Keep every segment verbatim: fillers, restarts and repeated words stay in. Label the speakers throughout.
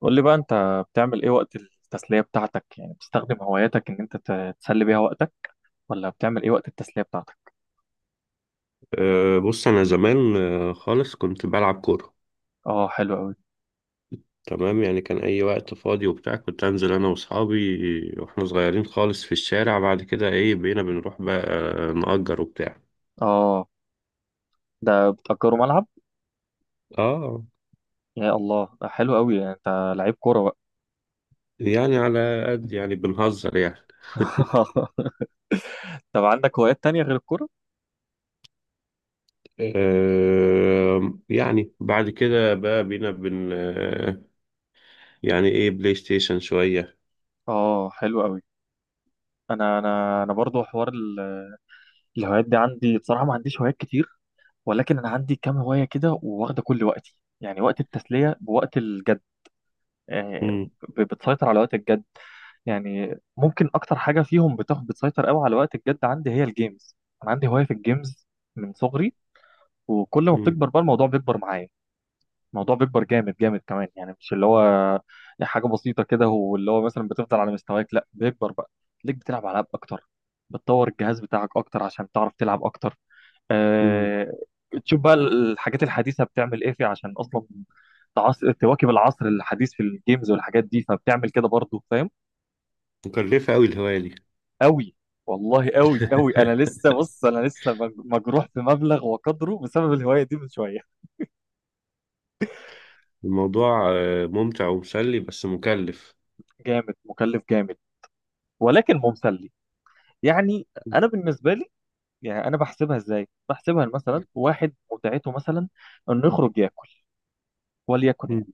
Speaker 1: قول لي بقى انت بتعمل ايه وقت التسلية بتاعتك؟ يعني بتستخدم هواياتك ان انت ت- تسلي بيها وقتك، ولا بتعمل ايه وقت التسلية بتاعتك؟
Speaker 2: أه بص، أنا زمان آه، خالص كنت بلعب كورة.
Speaker 1: اه، حلو قوي.
Speaker 2: تمام، يعني كان أي وقت فاضي وبتاع كنت أنزل أنا وأصحابي وإحنا صغيرين خالص في الشارع. بعد كده إيه بقينا بنروح بقى آه، نأجر وبتاع.
Speaker 1: اه، ده بتأجروا ملعب؟
Speaker 2: آه
Speaker 1: يا الله، ده حلو قوي، يعني انت لعيب كورة بقى.
Speaker 2: يعني على قد يعني بنهزر يعني.
Speaker 1: طب عندك هوايات تانية غير الكورة؟
Speaker 2: أه يعني بعد كده بقى بقينا بن آه، يعني إيه بلاي ستيشن شوية.
Speaker 1: اه، حلو قوي. انا انا انا برضو حوار ال- الهوايات دي عندي، بصراحة ما عنديش هوايات كتير، ولكن انا عندي كام هواية كده وواخدة كل وقتي، يعني وقت التسلية بوقت الجد. آه،
Speaker 2: مم،
Speaker 1: ب- بتسيطر على وقت الجد، يعني ممكن اكتر حاجه فيهم بتاخد، بتسيطر قوي على وقت الجد عندي هي الجيمز. انا عندي هوايه في الجيمز من صغري، وكل ما
Speaker 2: مم،
Speaker 1: بتكبر بقى الموضوع بيكبر معايا. الموضوع بيكبر جامد جامد كمان، يعني مش اللي هو حاجه بسيطه كده واللي هو مثلا بتفضل على مستواك، لا بيكبر بقى ليك، بتلعب العاب اكتر، بتطور الجهاز بتاعك اكتر عشان تعرف تلعب اكتر.
Speaker 2: مم.
Speaker 1: أه... تشوف بقى الحاجات الحديثه بتعمل ايه فيه عشان اصلا تعص... تواكب العصر الحديث في الجيمز والحاجات دي، فبتعمل كده برضه، فاهم.
Speaker 2: مكلفة أوي الهواية دي.
Speaker 1: قوي، والله قوي قوي. انا لسه، بص، انا لسه مج- مجروح بمبلغ وقدره بسبب الهوايه دي من شويه.
Speaker 2: الموضوع آه، ممتع ومسلي بس مكلف.
Speaker 1: جامد، مكلف جامد، ولكن ممسلي. يعني انا بالنسبه لي، يعني انا بحسبها ازاي؟ بحسبها مثلا واحد متعته، مثلا انه يخرج ياكل، وليكن يعني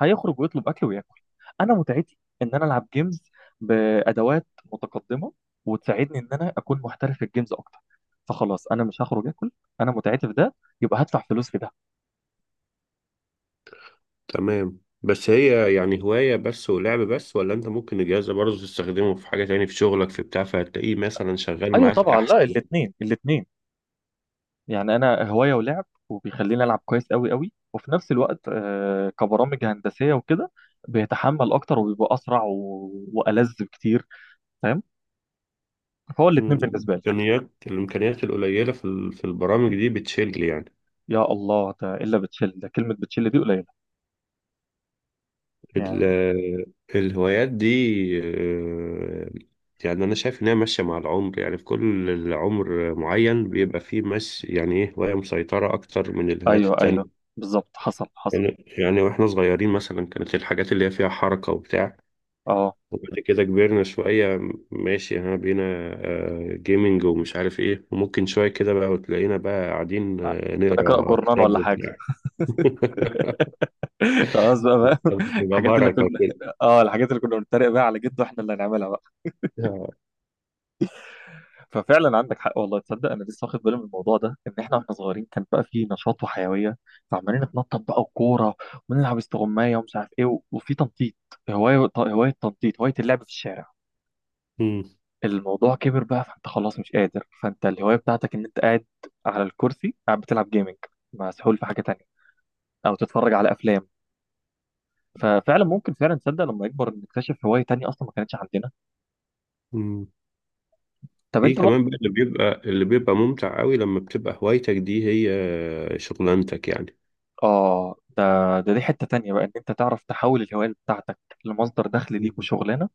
Speaker 1: هيخرج ويطلب اكل وياكل. انا متعتي ان انا العب جيمز بادوات متقدمه وتساعدني ان انا اكون محترف في الجيمز اكتر، فخلاص انا مش هخرج اكل، انا متعتي في ده، يبقى هدفع فلوس في ده.
Speaker 2: تمام، بس هي يعني هواية بس ولعب بس، ولا انت ممكن الجهاز ده برضه تستخدمه في حاجة تاني في شغلك في بتاع، فهتلاقيه مثلا شغال
Speaker 1: ايوه
Speaker 2: معاك
Speaker 1: طبعا،
Speaker 2: احسن.
Speaker 1: لا، الاثنين الاثنين. يعني انا هوايه ولعب وبيخليني العب كويس قوي قوي، وفي نفس الوقت آه، كبرامج هندسيه وكده بيتحمل اكتر وبيبقى اسرع و... والذ بكتير، فاهم. فهو
Speaker 2: مم.
Speaker 1: الاثنين بالنسبه لي.
Speaker 2: الامكانيات الامكانيات القليلة في ال- في البرامج دي بتشيل يعني.
Speaker 1: يا الله، ده الا بتشيل، ده كلمه بتشيل دي قليله يعني.
Speaker 2: ال- الهوايات دي آه، يعني انا شايف انها ماشية مع العمر، يعني في كل العمر معين بيبقى فيه مش يعني ايه هواية مسيطرة اكتر من الهوايات
Speaker 1: ايوه ايوه،
Speaker 2: التانية.
Speaker 1: بالظبط، حصل حصل.
Speaker 2: يعني يعني واحنا صغيرين مثلا كانت الحاجات اللي هي فيها حركة وبتاع.
Speaker 1: اه،
Speaker 2: وبعد كده كبرنا شوية، ماشي ها بقينا آه، جيمنج ومش عارف ايه، وممكن شوية كده بقى وتلاقينا بقى قاعدين آه،
Speaker 1: بنقرا
Speaker 2: نقرا
Speaker 1: جورنان
Speaker 2: كتاب
Speaker 1: ولا حاجه؟
Speaker 2: وبتاع.
Speaker 1: خلاص بقى بقى.
Speaker 2: بيبقى
Speaker 1: الحاجات اللي
Speaker 2: بركة
Speaker 1: كنا
Speaker 2: كده.
Speaker 1: اه الحاجات اللي كنا بنتريق بقى على جد، واحنا اللي هنعملها بقى. ففعلا عندك حق، والله تصدق انا لسه واخد بالي من الموضوع ده، ان احنا واحنا صغيرين كان بقى فيه نشاط وحيويه، فعمالين نتنطط بقى وكوره، ونلعب استغمايه ومش عارف ايه و- وفي تنطيط. هوايه، هوايه تنطيط، هوايه اللعب في الشارع.
Speaker 2: مم.
Speaker 1: الموضوع كبر بقى، فانت خلاص مش قادر، فانت الهوايه بتاعتك ان انت قاعد على الكرسي، قاعد بتلعب جيمنج، مسحول في حاجه تانية، او تتفرج على افلام. ففعلا ممكن فعلا تصدق لما يكبر نكتشف هوايه تانية اصلا ما كانتش عندنا.
Speaker 2: مم.
Speaker 1: طب
Speaker 2: في
Speaker 1: انت
Speaker 2: كمان
Speaker 1: برضه.
Speaker 2: بقى اللي بيبقى اللي بيبقى ممتع قوي لما بتبقى هوايتك دي هي شغلانتك يعني.
Speaker 1: اه، ده ده دي حتة تانية بقى ان انت تعرف تحول الهواية بتاعتك لمصدر دخل ليك
Speaker 2: مم.
Speaker 1: وشغلانة.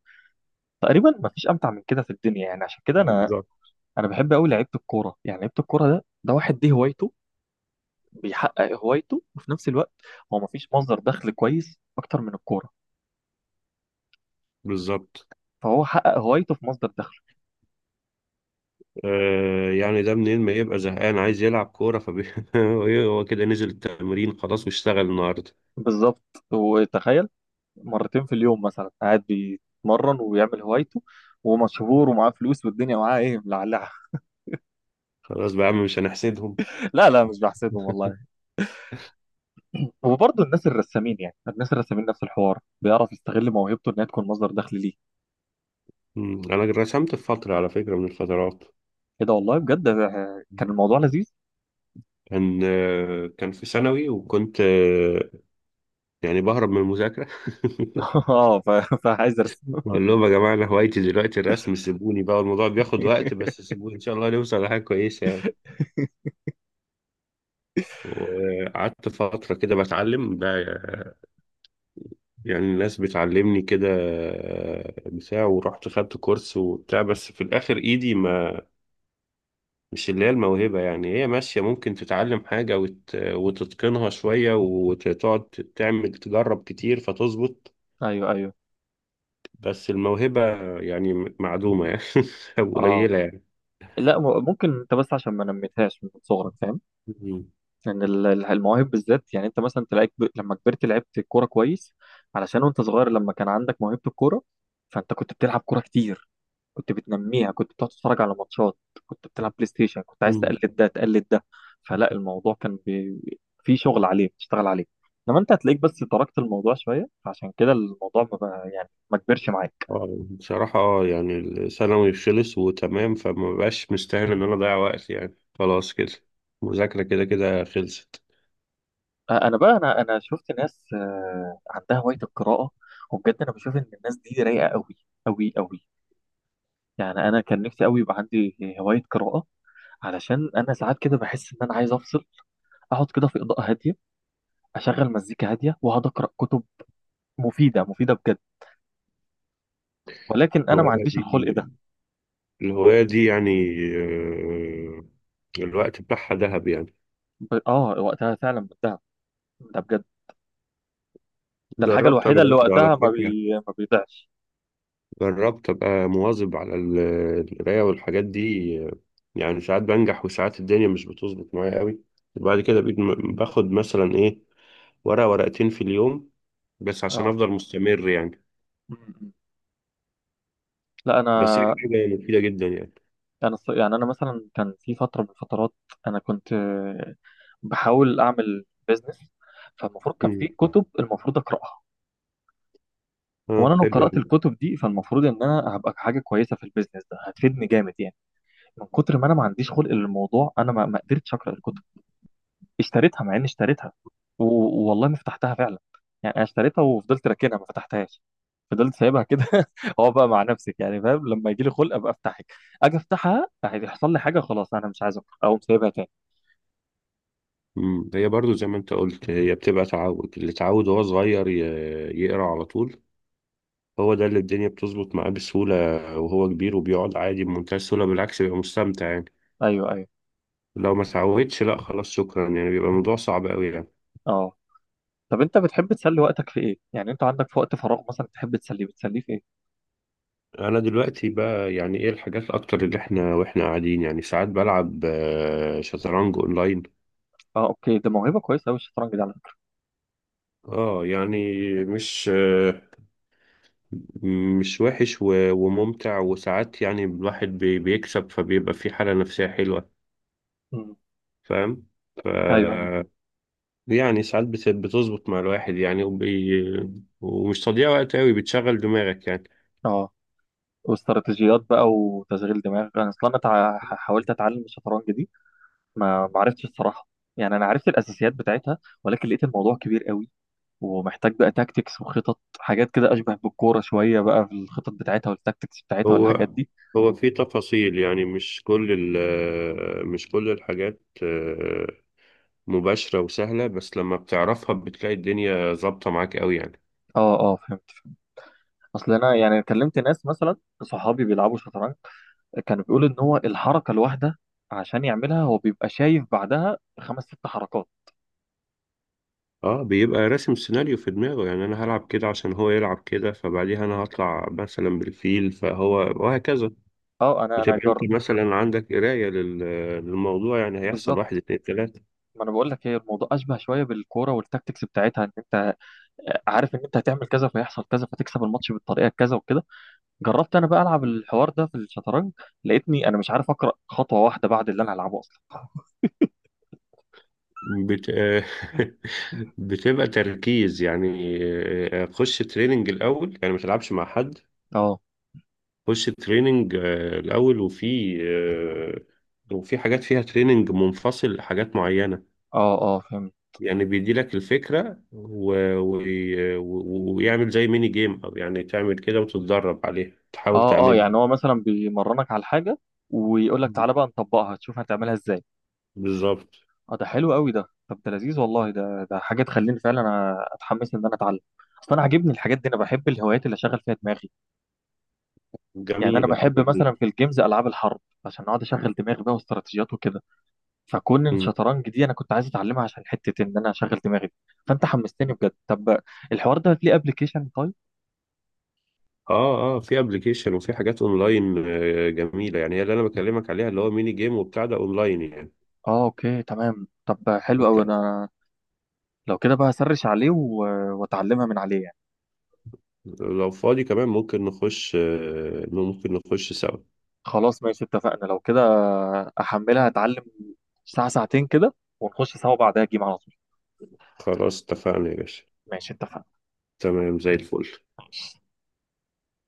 Speaker 1: تقريبا ما فيش امتع من كده في الدنيا، يعني عشان كده انا
Speaker 2: بالظبط.
Speaker 1: انا بحب قوي لعيبة الكورة. يعني لعيبة الكورة ده ده واحد دي هوايته، بيحقق هوايته وفي نفس الوقت هو ما فيش مصدر دخل كويس اكتر من الكورة،
Speaker 2: بالظبط.
Speaker 1: فهو حقق هوايته في مصدر دخله.
Speaker 2: آه يعني ده منين ما يبقى زهقان عايز يلعب كورة فبي... هو كده نزل التمرين خلاص واشتغل النهاردة.
Speaker 1: بالظبط، وتخيل مرتين في اليوم مثلا قاعد بيتمرن ويعمل هوايته، ومشهور ومعاه فلوس، والدنيا معاه ايه، ملعلعة.
Speaker 2: خلاص بقى يا عم، مش هنحسدهم.
Speaker 1: لا لا، مش بحسدهم والله. وبرضه الناس الرسامين، يعني الناس الرسامين نفس الحوار، بيعرف يستغل موهبته انها تكون مصدر دخل ليه.
Speaker 2: مم. أنا رسمت في فترة على فكرة، من الفترات.
Speaker 1: ايه ده والله بجد، آه، كان
Speaker 2: مم.
Speaker 1: الموضوع لذيذ.
Speaker 2: كان آه، كان في ثانوي، وكنت آه، يعني بهرب من المذاكرة.
Speaker 1: اه، ف- فعايز ارسم.
Speaker 2: بقول لهم يا جماعة، أنا هوايتي دلوقتي الرسم، سيبوني بقى، الموضوع بياخد وقت بس سيبوني إن شاء الله نوصل لحاجة كويسة يعني. وقعدت فترة كده بتعلم بقى، يعني الناس بتعلمني كده آه، بتاع، ورحت خدت كورس وبتاع، بس في الآخر إيدي ما مش اللي هي الموهبة. يعني هي ماشية، ممكن تتعلم حاجة وت... وتتقنها شوية وتقعد تعمل تجرب كتير فتظبط.
Speaker 1: ايوه ايوه.
Speaker 2: بس الموهبة يعني م- معدومة يعني. أو
Speaker 1: اه،
Speaker 2: قليلة يعني.
Speaker 1: لا، م- ممكن انت بس عشان ما نميتهاش من صغرك، فاهم.
Speaker 2: مم.
Speaker 1: لان ال- ال- المواهب بالذات، يعني انت مثلا تلاقيك ب... لما كبرت لعبت كوره كويس، علشان وانت صغير لما كان عندك موهبه الكوره، فانت كنت بتلعب كوره كتير، كنت بتنميها، كنت بتقعد تتفرج على ماتشات، كنت بتلعب بلاي ستيشن، كنت عايز
Speaker 2: مم.
Speaker 1: تقلد ده تقلد ده. فلا، الموضوع كان بي... في شغل عليه بتشتغل عليه، انما انت هتلاقيك بس تركت الموضوع شويه، فعشان كده الموضوع ما بقى، يعني ما كبرش معاك.
Speaker 2: آه، بصراحة اه يعني الثانوي خلص وتمام، فما بقاش مستاهل إن أنا أضيع وقت يعني، خلاص كده المذاكرة كده كده خلصت.
Speaker 1: آه، انا بقى، انا انا شفت ناس آه، عندها هوايه القراءه. وبجد انا بشوف ان الناس دي رايقه قوي، قوي قوي، يعني انا كان نفسي قوي يبقى عندي هوايه قراءه، علشان انا ساعات كده بحس ان انا عايز افصل، اقعد كده في اضاءه هاديه، اشغل مزيكا هاديه واقعد اقرا كتب مفيده مفيده بجد، ولكن انا ما
Speaker 2: الهواية
Speaker 1: عنديش الخلق ده.
Speaker 2: دي الهواية دي يعني آه، الوقت بتاعها ذهب يعني.
Speaker 1: ب... اه، وقتها فعلا بنتهى، ده بجد ده الحاجه
Speaker 2: جربت أنا
Speaker 1: الوحيده اللي
Speaker 2: برضه على
Speaker 1: وقتها ما
Speaker 2: فكرة،
Speaker 1: بي... ما بيضيعش.
Speaker 2: جربت أبقى مواظب على ال- القراية والحاجات دي. يعني ساعات بنجح وساعات الدنيا مش بتظبط معايا قوي، وبعد
Speaker 1: مم.
Speaker 2: كده بقيت م- باخد مثلا إيه ورقة ورقتين في اليوم، بس عشان
Speaker 1: اه.
Speaker 2: أفضل مستمر يعني.
Speaker 1: م- م. لا انا،
Speaker 2: بس هي حاجة مفيدة جدا يعني.
Speaker 1: انا الص- يعني انا مثلا كان في فتره من الفترات، انا كنت آه، بحاول اعمل بيزنس، فالمفروض كان في
Speaker 2: مم.
Speaker 1: كتب المفروض اقراها،
Speaker 2: اه،
Speaker 1: وانا لو
Speaker 2: حلو
Speaker 1: قرات
Speaker 2: أوي.
Speaker 1: الكتب دي فالمفروض ان انا هبقى حاجه كويسه في البيزنس ده، هتفيدني جامد يعني. من كتر ما انا ما عنديش خلق للموضوع، انا ما ما قدرتش اقرا الكتب، اشتريتها مع اني اشتريتها، و- والله ما فتحتها فعلا. يعني انا اشتريتها وفضلت راكنها ما فتحتهاش، فضلت سايبها كده. هو بقى مع نفسك يعني، فاهم، لما يجي لي خلق ابقى افتحك، اجي افتحها هيحصل لي حاجه، خلاص انا مش عايز افتح، اقوم سايبها تاني.
Speaker 2: مم. هي برضو زي ما أنت قلت، هي بتبقى تعود، اللي اتعود وهو صغير ي- يقرأ على طول، هو ده اللي الدنيا بتظبط معاه بسهولة، وهو كبير وبيقعد عادي بمنتهى السهولة، بالعكس بيبقى مستمتع يعني.
Speaker 1: ايوه ايوه.
Speaker 2: لو ما سعوتش، لا خلاص شكرا يعني، بيبقى الموضوع صعب قوي يعني.
Speaker 1: اه، طب انت بتحب تسلي وقتك في ايه؟ يعني انت عندك في وقت فراغ مثلا بتحب تسليه، بتسليه في ايه؟
Speaker 2: انا دلوقتي بقى يعني ايه الحاجات الاكتر اللي احنا واحنا قاعدين يعني، ساعات بلعب آه، شطرنج اونلاين.
Speaker 1: اه اوكي، ده موهبه كويسه قوي الشطرنج ده على فكره.
Speaker 2: اه، يعني مش آه، مش وحش و- وممتع، وساعات يعني الواحد بي- بيكسب فبيبقى في حالة نفسية حلوة.
Speaker 1: مم.
Speaker 2: فاهم. ف
Speaker 1: ايوه ايوه.
Speaker 2: يعني ساعات بت- بتظبط مع الواحد يعني وبي... ومش تضييع وقت قوي، بتشغل دماغك يعني.
Speaker 1: اه، واستراتيجيات بقى وتشغيل دماغ. انا اصلا، انا تع- حاولت اتعلم الشطرنج دي. ما ما عرفتش الصراحه. يعني انا عرفت الاساسيات بتاعتها، ولكن لقيت الموضوع كبير قوي، ومحتاج بقى تاكتكس وخطط، حاجات كده اشبه بالكوره شويه بقى في الخطط بتاعتها والتاكتكس بتاعتها
Speaker 2: هو
Speaker 1: والحاجات دي.
Speaker 2: هو في تفاصيل يعني، مش كل ال مش كل الحاجات آه، مباشرة وسهلة، بس لما بتعرفها بتلاقي الدنيا ظابطة معاك قوي يعني.
Speaker 1: اه اه، فهمت. اصل انا يعني كلمت ناس مثلا، صحابي بيلعبوا شطرنج، كانوا بيقولوا ان هو الحركه الواحده عشان يعملها هو بيبقى شايف بعدها خمس ست حركات.
Speaker 2: اه، بيبقى راسم سيناريو في دماغه، يعني انا هلعب كده عشان هو يلعب كده، فبعديها انا هطلع مثلا بالفيل، فهو وهكذا.
Speaker 1: اه، انا انا
Speaker 2: بتبقى
Speaker 1: جر
Speaker 2: انت مثلا عندك قراية لل- للموضوع يعني، هيحصل
Speaker 1: بالظبط.
Speaker 2: واحد اتنين تلاتة.
Speaker 1: ما انا بقول لك هي، الموضوع اشبه شويه بالكوره والتاكتكس بتاعتها، ان انت عارف ان انت هتعمل كذا فيحصل كذا فتكسب الماتش بالطريقه كذا وكده. جربت انا بقى العب الحوار ده في الشطرنج، لقيتني انا مش عارف اقرا خطوه واحده بعد اللي انا هلعبه اصلا.
Speaker 2: بت... بتبقى تركيز يعني آه، آه، خش تريننج الأول، يعني ما تلعبش مع حد.
Speaker 1: اه
Speaker 2: خش تريننج آه، الأول، وفي آه، وفي حاجات فيها تريننج منفصل لحاجات معينة.
Speaker 1: اه اه، فهمت.
Speaker 2: يعني بيدي لك الفكرة و... و... و... ويعمل زي ميني جيم، أو يعني تعمل كده وتتدرب عليها تحاول
Speaker 1: اه اه،
Speaker 2: تعملها.
Speaker 1: يعني هو مثلا بيمرنك على حاجه ويقول لك
Speaker 2: مم.
Speaker 1: تعالى بقى نطبقها تشوف هتعملها ازاي.
Speaker 2: بالظبط.
Speaker 1: اه، ده حلو قوي ده، طب ده لذيذ والله، ده ده حاجه تخليني فعلا أ- اتحمس ان انا اتعلم. اصل انا عاجبني الحاجات دي، انا بحب الهوايات اللي اشغل فيها دماغي، يعني انا
Speaker 2: جميلة
Speaker 1: بحب
Speaker 2: جميلة.
Speaker 1: مثلا في الجيمز العاب الحرب عشان اقعد اشغل دماغي بقى واستراتيجيات وكده. فكون
Speaker 2: مم.
Speaker 1: الشطرنج دي انا كنت عايز اتعلمها عشان حته ان انا اشغل دماغي دي. فانت حمستني بجد. طب الحوار ده ليه ابلكيشن طيب؟
Speaker 2: اه اه، في ابلكيشن وفي حاجات اونلاين آه، جميلة، يعني هي اللي انا بكلمك عليها، اللي هو ميني جيم وبتاع ده اونلاين يعني.
Speaker 1: اه اوكي تمام، طب حلو
Speaker 2: انت
Speaker 1: قوي. انا لو كده بقى هسرش عليه و... واتعلمها من عليه يعني.
Speaker 2: لو فاضي كمان ممكن نخش آه، ممكن نخش سوا.
Speaker 1: خلاص ماشي اتفقنا. لو كده احملها، اتعلم ساعه ساعتين كده، ونخش سوا بعدها جيم على طول.
Speaker 2: خلاص اتفقنا يا باشا.
Speaker 1: ماشي اتفقنا.
Speaker 2: تمام زي الفل.